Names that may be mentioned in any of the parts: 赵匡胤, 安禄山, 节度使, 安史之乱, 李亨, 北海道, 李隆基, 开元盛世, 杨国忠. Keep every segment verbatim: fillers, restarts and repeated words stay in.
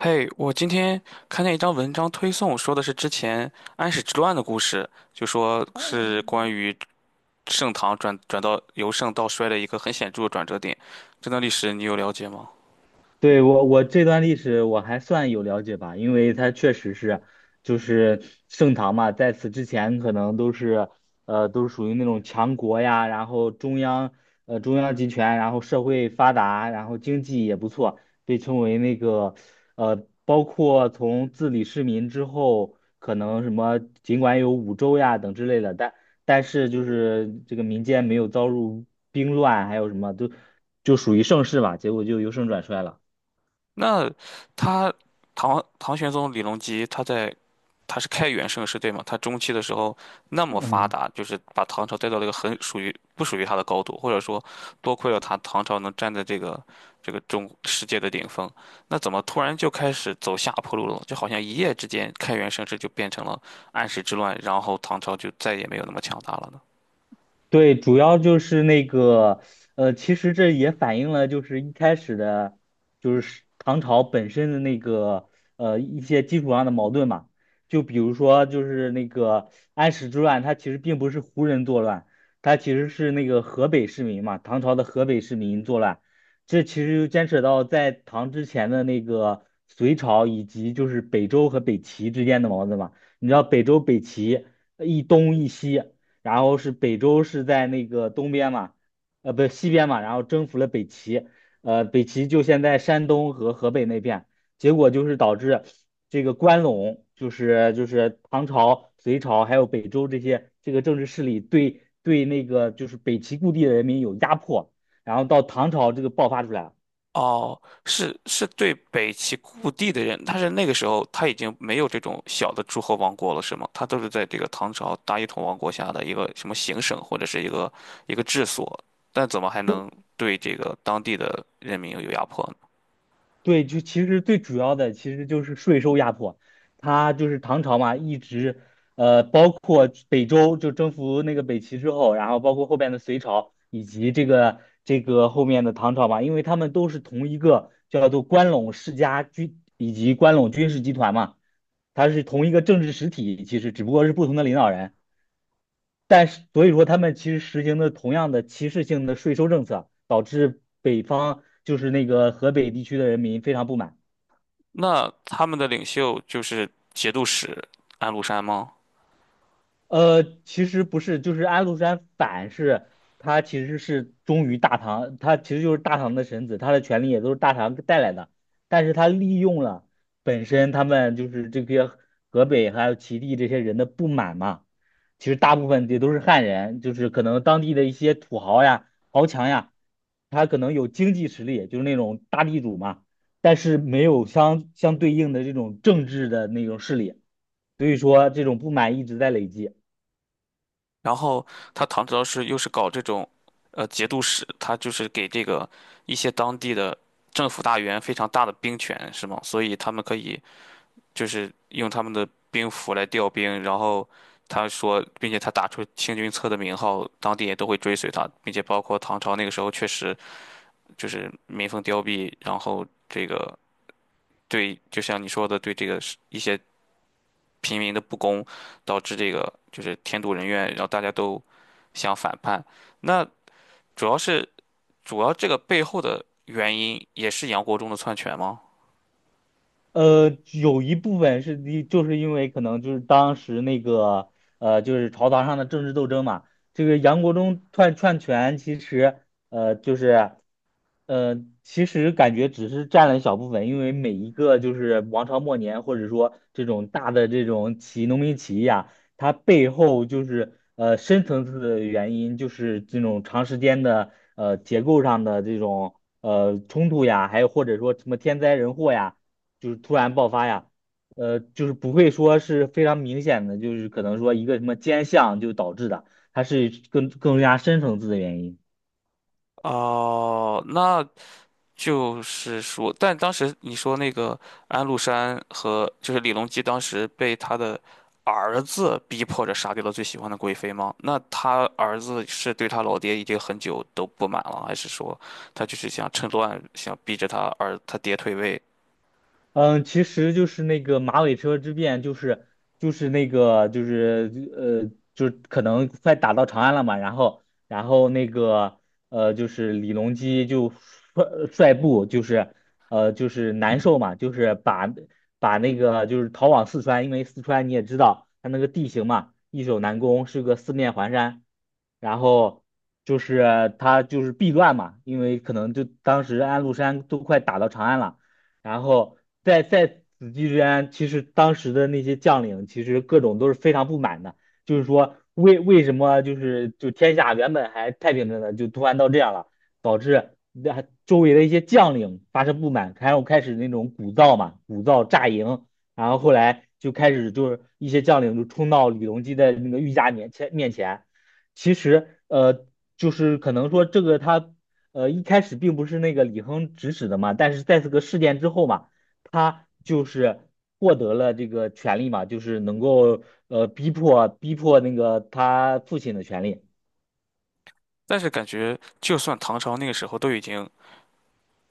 嘿，我今天看见一张文章推送，说的是之前安史之乱的故事，就说是关于盛唐转转到由盛到衰的一个很显著的转折点。这段历史你有了解吗？对，我我这段历史我还算有了解吧，因为它确实是就是盛唐嘛，在此之前可能都是呃都是属于那种强国呀，然后中央呃中央集权，然后社会发达，然后经济也不错，被称为那个呃包括从自理市民之后，可能什么尽管有五州呀等之类的，但但是就是这个民间没有遭入兵乱，还有什么都就属于盛世吧，结果就由盛转衰了。那他唐唐玄宗李隆基他在他是开元盛世对吗？他中期的时候那么发嗯，达，就是把唐朝带到了一个很属于不属于他的高度，或者说多亏了他，唐朝能站在这个这个中世界的顶峰。那怎么突然就开始走下坡路了？就好像一夜之间开元盛世就变成了安史之乱，然后唐朝就再也没有那么强大了呢？对，主要就是那个，呃，其实这也反映了就是一开始的，就是唐朝本身的那个，呃，一些基础上的矛盾嘛。就比如说，就是那个安史之乱，它其实并不是胡人作乱，它其实是那个河北市民嘛，唐朝的河北市民作乱。这其实就牵扯到在唐之前的那个隋朝以及就是北周和北齐之间的矛盾嘛。你知道北周、北齐呃一东一西。然后是北周是在那个东边嘛，呃，不西边嘛，然后征服了北齐，呃，北齐就现在山东和河北那片，结果就是导致这个关陇，就是就是唐朝、隋朝还有北周这些这个政治势力对对那个就是北齐故地的人民有压迫，然后到唐朝这个爆发出来了。哦，是是对北齐故地的人，但是那个时候他已经没有这种小的诸侯王国了，是吗？他都是在这个唐朝大一统王国下的一个什么行省或者是一个一个治所，但怎么还能对这个当地的人民有压迫呢？对，就其实最主要的其实就是税收压迫，他就是唐朝嘛，一直呃，包括北周就征服那个北齐之后，然后包括后边的隋朝以及这个这个后面的唐朝嘛，因为他们都是同一个叫做关陇世家军以及关陇军事集团嘛，它是同一个政治实体，其实只不过是不同的领导人，但是所以说他们其实实行的同样的歧视性的税收政策，导致北方就是那个河北地区的人民非常不满。那他们的领袖就是节度使安禄山吗？呃，其实不是，就是安禄山反是，他其实是忠于大唐，他其实就是大唐的臣子，他的权利也都是大唐带来的，但是他利用了本身他们就是这些河北还有齐地这些人的不满嘛，其实大部分也都是汉人，就是可能当地的一些土豪呀、豪强呀，他可能有经济实力，就是那种大地主嘛，但是没有相相对应的这种政治的那种势力，所以说这种不满一直在累积。然后他唐朝是又是搞这种，呃，节度使，他就是给这个一些当地的政府大员非常大的兵权，是吗？所以他们可以。就是用他们的兵符来调兵，然后他说，并且他打出清君侧的名号，当地也都会追随他，并且包括唐朝那个时候确实就是民风凋敝，然后这个，对，就像你说的，对这个是一些平民的不公，导致这个就是天妒人怨，然后大家都想反叛。那主要是主要这个背后的原因也是杨国忠的篡权吗？呃，有一部分是的，就是因为可能就是当时那个呃，就是朝堂上的政治斗争嘛。这个杨国忠篡篡权，其实呃，就是呃，其实感觉只是占了一小部分，因为每一个就是王朝末年，或者说这种大的这种起义农民起义啊，它背后就是呃深层次的原因，就是这种长时间的呃结构上的这种呃冲突呀，还有或者说什么天灾人祸呀。就是突然爆发呀，呃，就是不会说是非常明显的，就是可能说一个什么尖向就导致的，它是更更加深层次的原因。哦，那就是说，但当时你说那个安禄山和就是李隆基，当时被他的儿子逼迫着杀掉了最喜欢的贵妃吗？那他儿子是对他老爹已经很久都不满了，还是说他就是想趁乱想逼着他儿他爹退位？嗯，其实就是那个马尾车之变，就是就是那个就是呃，就可能快打到长安了嘛，然后然后那个呃，就是李隆基就率率部就是呃就是难受嘛，就是把把那个就是逃往四川，因为四川你也知道它那个地形嘛，易守难攻，是个四面环山，然后就是他就是避乱嘛，因为可能就当时安禄山都快打到长安了。然后在在此期间，其实当时的那些将领其实各种都是非常不满的，就是说为为什么就是就天下原本还太平着呢，就突然到这样了，导致那周围的一些将领发生不满，然后开始那种鼓噪嘛，鼓噪炸营，然后后来就开始就是一些将领就冲到李隆基的那个御驾面前面前，其实呃就是可能说这个他呃，一开始并不是那个李亨指使的嘛，但是在这个事件之后嘛，他就是获得了这个权利嘛，就是能够呃逼迫逼迫那个他父亲的权利。但是感觉就算唐朝那个时候都已经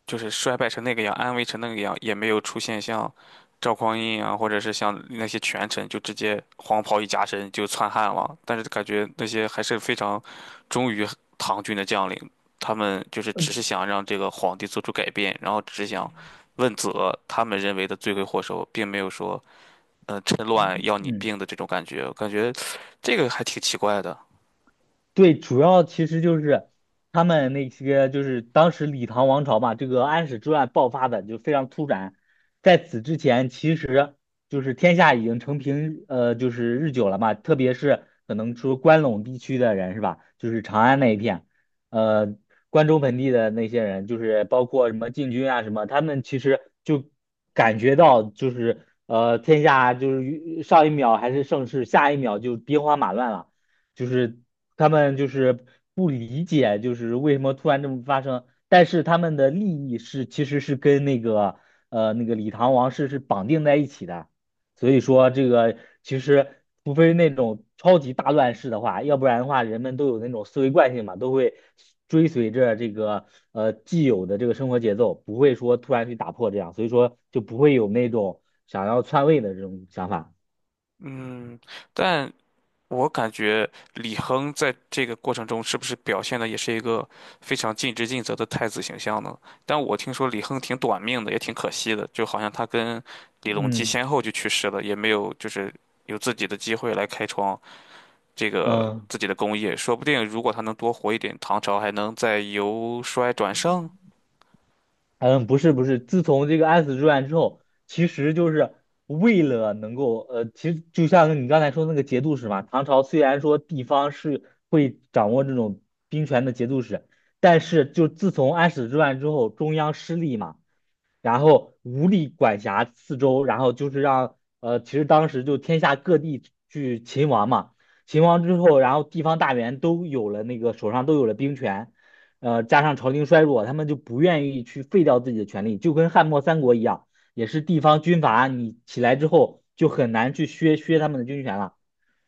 就是衰败成那个样，安危成那个样，也没有出现像赵匡胤啊，或者是像那些权臣就直接黄袍一加身就篡汉了。但是感觉那些还是非常忠于唐军的将领，他们就是只是嗯想让这个皇帝做出改变，然后只是想问责他们认为的罪魁祸首，并没有说嗯、呃趁乱嗯要你嗯。病的这种感觉。我感觉这个还挺奇怪的。对，主要其实就是他们那些就是当时李唐王朝嘛，这个安史之乱爆发的就非常突然，在此之前其实就是天下已经承平呃就是日久了嘛，特别是可能说关陇地区的人是吧，就是长安那一片，呃关中盆地的那些人，就是包括什么禁军啊什么，他们其实就感觉到就是呃天下就是上一秒还是盛世，下一秒就兵荒马乱了。就是他们就是不理解，就是为什么突然这么发生，但是他们的利益是其实是跟那个呃那个李唐王室是绑定在一起的，所以说这个其实除非那种超级大乱世的话，要不然的话人们都有那种思维惯性嘛，都会追随着这个呃既有的这个生活节奏，不会说突然去打破这样，所以说就不会有那种想要篡位的这种想法，嗯，但我感觉李亨在这个过程中是不是表现的也是一个非常尽职尽责的太子形象呢？但我听说李亨挺短命的，也挺可惜的，就好像他跟李隆基嗯先后就去世了，也没有就是有自己的机会来开创这个嗯。自己的功业。说不定如果他能多活一点，唐朝还能再由衰转盛。嗯，不是不是，自从这个安史之乱之后，其实就是为了能够，呃，其实就像你刚才说那个节度使嘛，唐朝虽然说地方是会掌握这种兵权的节度使，但是就自从安史之乱之后，中央失利嘛，然后无力管辖四周，然后就是让呃，其实当时就天下各地去勤王嘛，秦王之后，然后地方大员都有了那个手上都有了兵权，呃，加上朝廷衰弱，他们就不愿意去废掉自己的权利，就跟汉末三国一样，也是地方军阀你起来之后就很难去削削他们的军权了，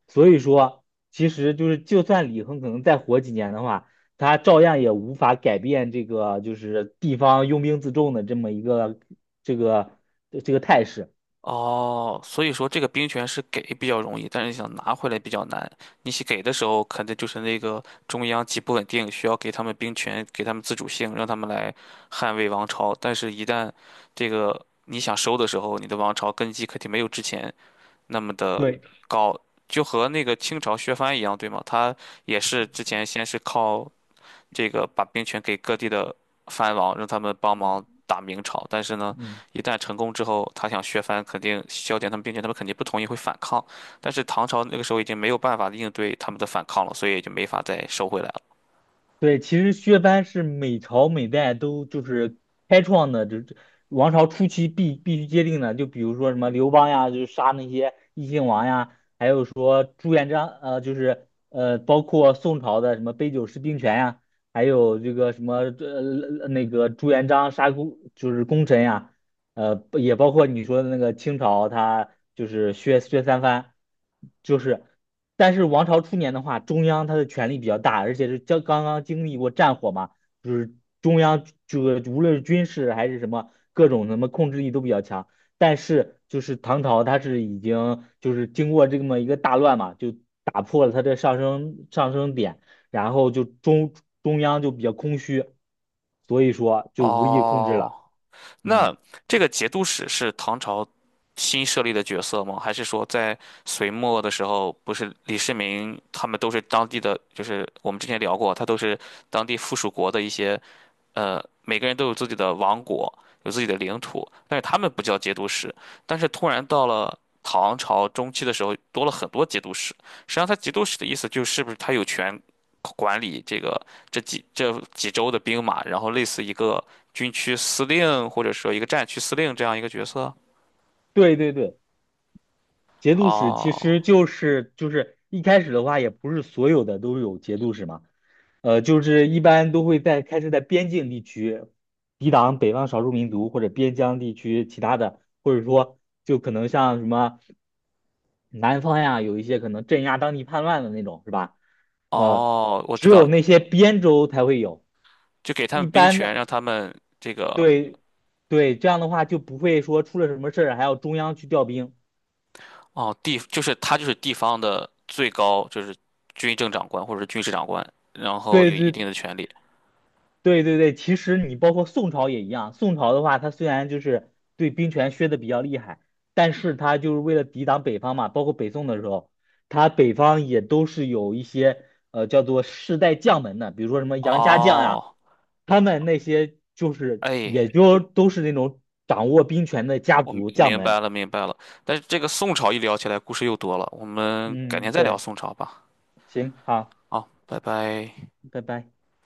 所以说。其实就是，就算李亨可能再活几年的话，他照样也无法改变这个就是地方拥兵自重的这么一个这个这个态势。哦，所以说这个兵权是给比较容易，但是你想拿回来比较难。你去给的时候，肯定就是那个中央极不稳定，需要给他们兵权，给他们自主性，让他们来捍卫王朝。但是，一旦这个你想收的时候，你的王朝根基肯定没有之前那么的对，高，就和那个清朝削藩一样，对吗？他也是之前先是靠这个把兵权给各地的藩王，让他们帮忙打明朝。但是呢，嗯。一旦成功之后，他想削藩，肯定削减他们兵权，他们肯定不同意，会反抗。但是唐朝那个时候已经没有办法应对他们的反抗了，所以也就没法再收回来了。对，其实削藩是每朝每代都就是开创的，这这王朝初期必必须接定的。就比如说什么刘邦呀，就是杀那些异姓王呀，还有说朱元璋，呃，就是呃，包括宋朝的什么杯酒释兵权呀，还有这个什么呃那个朱元璋杀功就是功臣呀，呃，不也包括你说的那个清朝，他就是削削三藩，就是。但是王朝初年的话，中央它的权力比较大，而且是刚刚刚经历过战火嘛，就是中央这个无论是军事还是什么各种什么控制力都比较强。但是就是唐朝，它是已经就是经过这么一个大乱嘛，就打破了它的上升上升点，然后就中中央就比较空虚，所以说就无力控制哦，了。那嗯，这个节度使是唐朝新设立的角色吗？还是说在隋末的时候，不是李世民他们都是当地的，就是我们之前聊过，他都是当地附属国的一些。呃，每个人都有自己的王国，有自己的领土，但是他们不叫节度使。但是突然到了唐朝中期的时候，多了很多节度使。实际上，他节度使的意思就是不是他有权管理这个这几这几州的兵马，然后类似一个军区司令或者说一个战区司令这样一个角色。对对对。节度使其哦实就是就是一开始的话，也不是所有的都有节度使嘛，呃，就是一般都会在开始在边境地区抵挡北方少数民族或者边疆地区其他的，或者说就可能像什么南方呀，有一些可能镇压当地叛乱的那种，是吧？呃，哦，我知只道，有那些边州才会有，就给他一们兵般权，的让他们这个。对对，这样的话就不会说出了什么事儿还要中央去调兵。哦，地就是他就是地方的最高就是军政长官或者军事长官，然后对有一对定的权利。对对对，其实你包括宋朝也一样，宋朝的话，它虽然就是对兵权削的比较厉害，但是它就是为了抵挡北方嘛，包括北宋的时候，它北方也都是有一些呃叫做世代将门的，比如说什么杨家将呀、哦，他们那些就是也哎，就都是那种掌握兵权的家我明族将明门。白了明白了。但是这个宋朝一聊起来，故事又多了，我们改天嗯，再聊对，宋朝吧。行，好，好，拜拜。拜拜。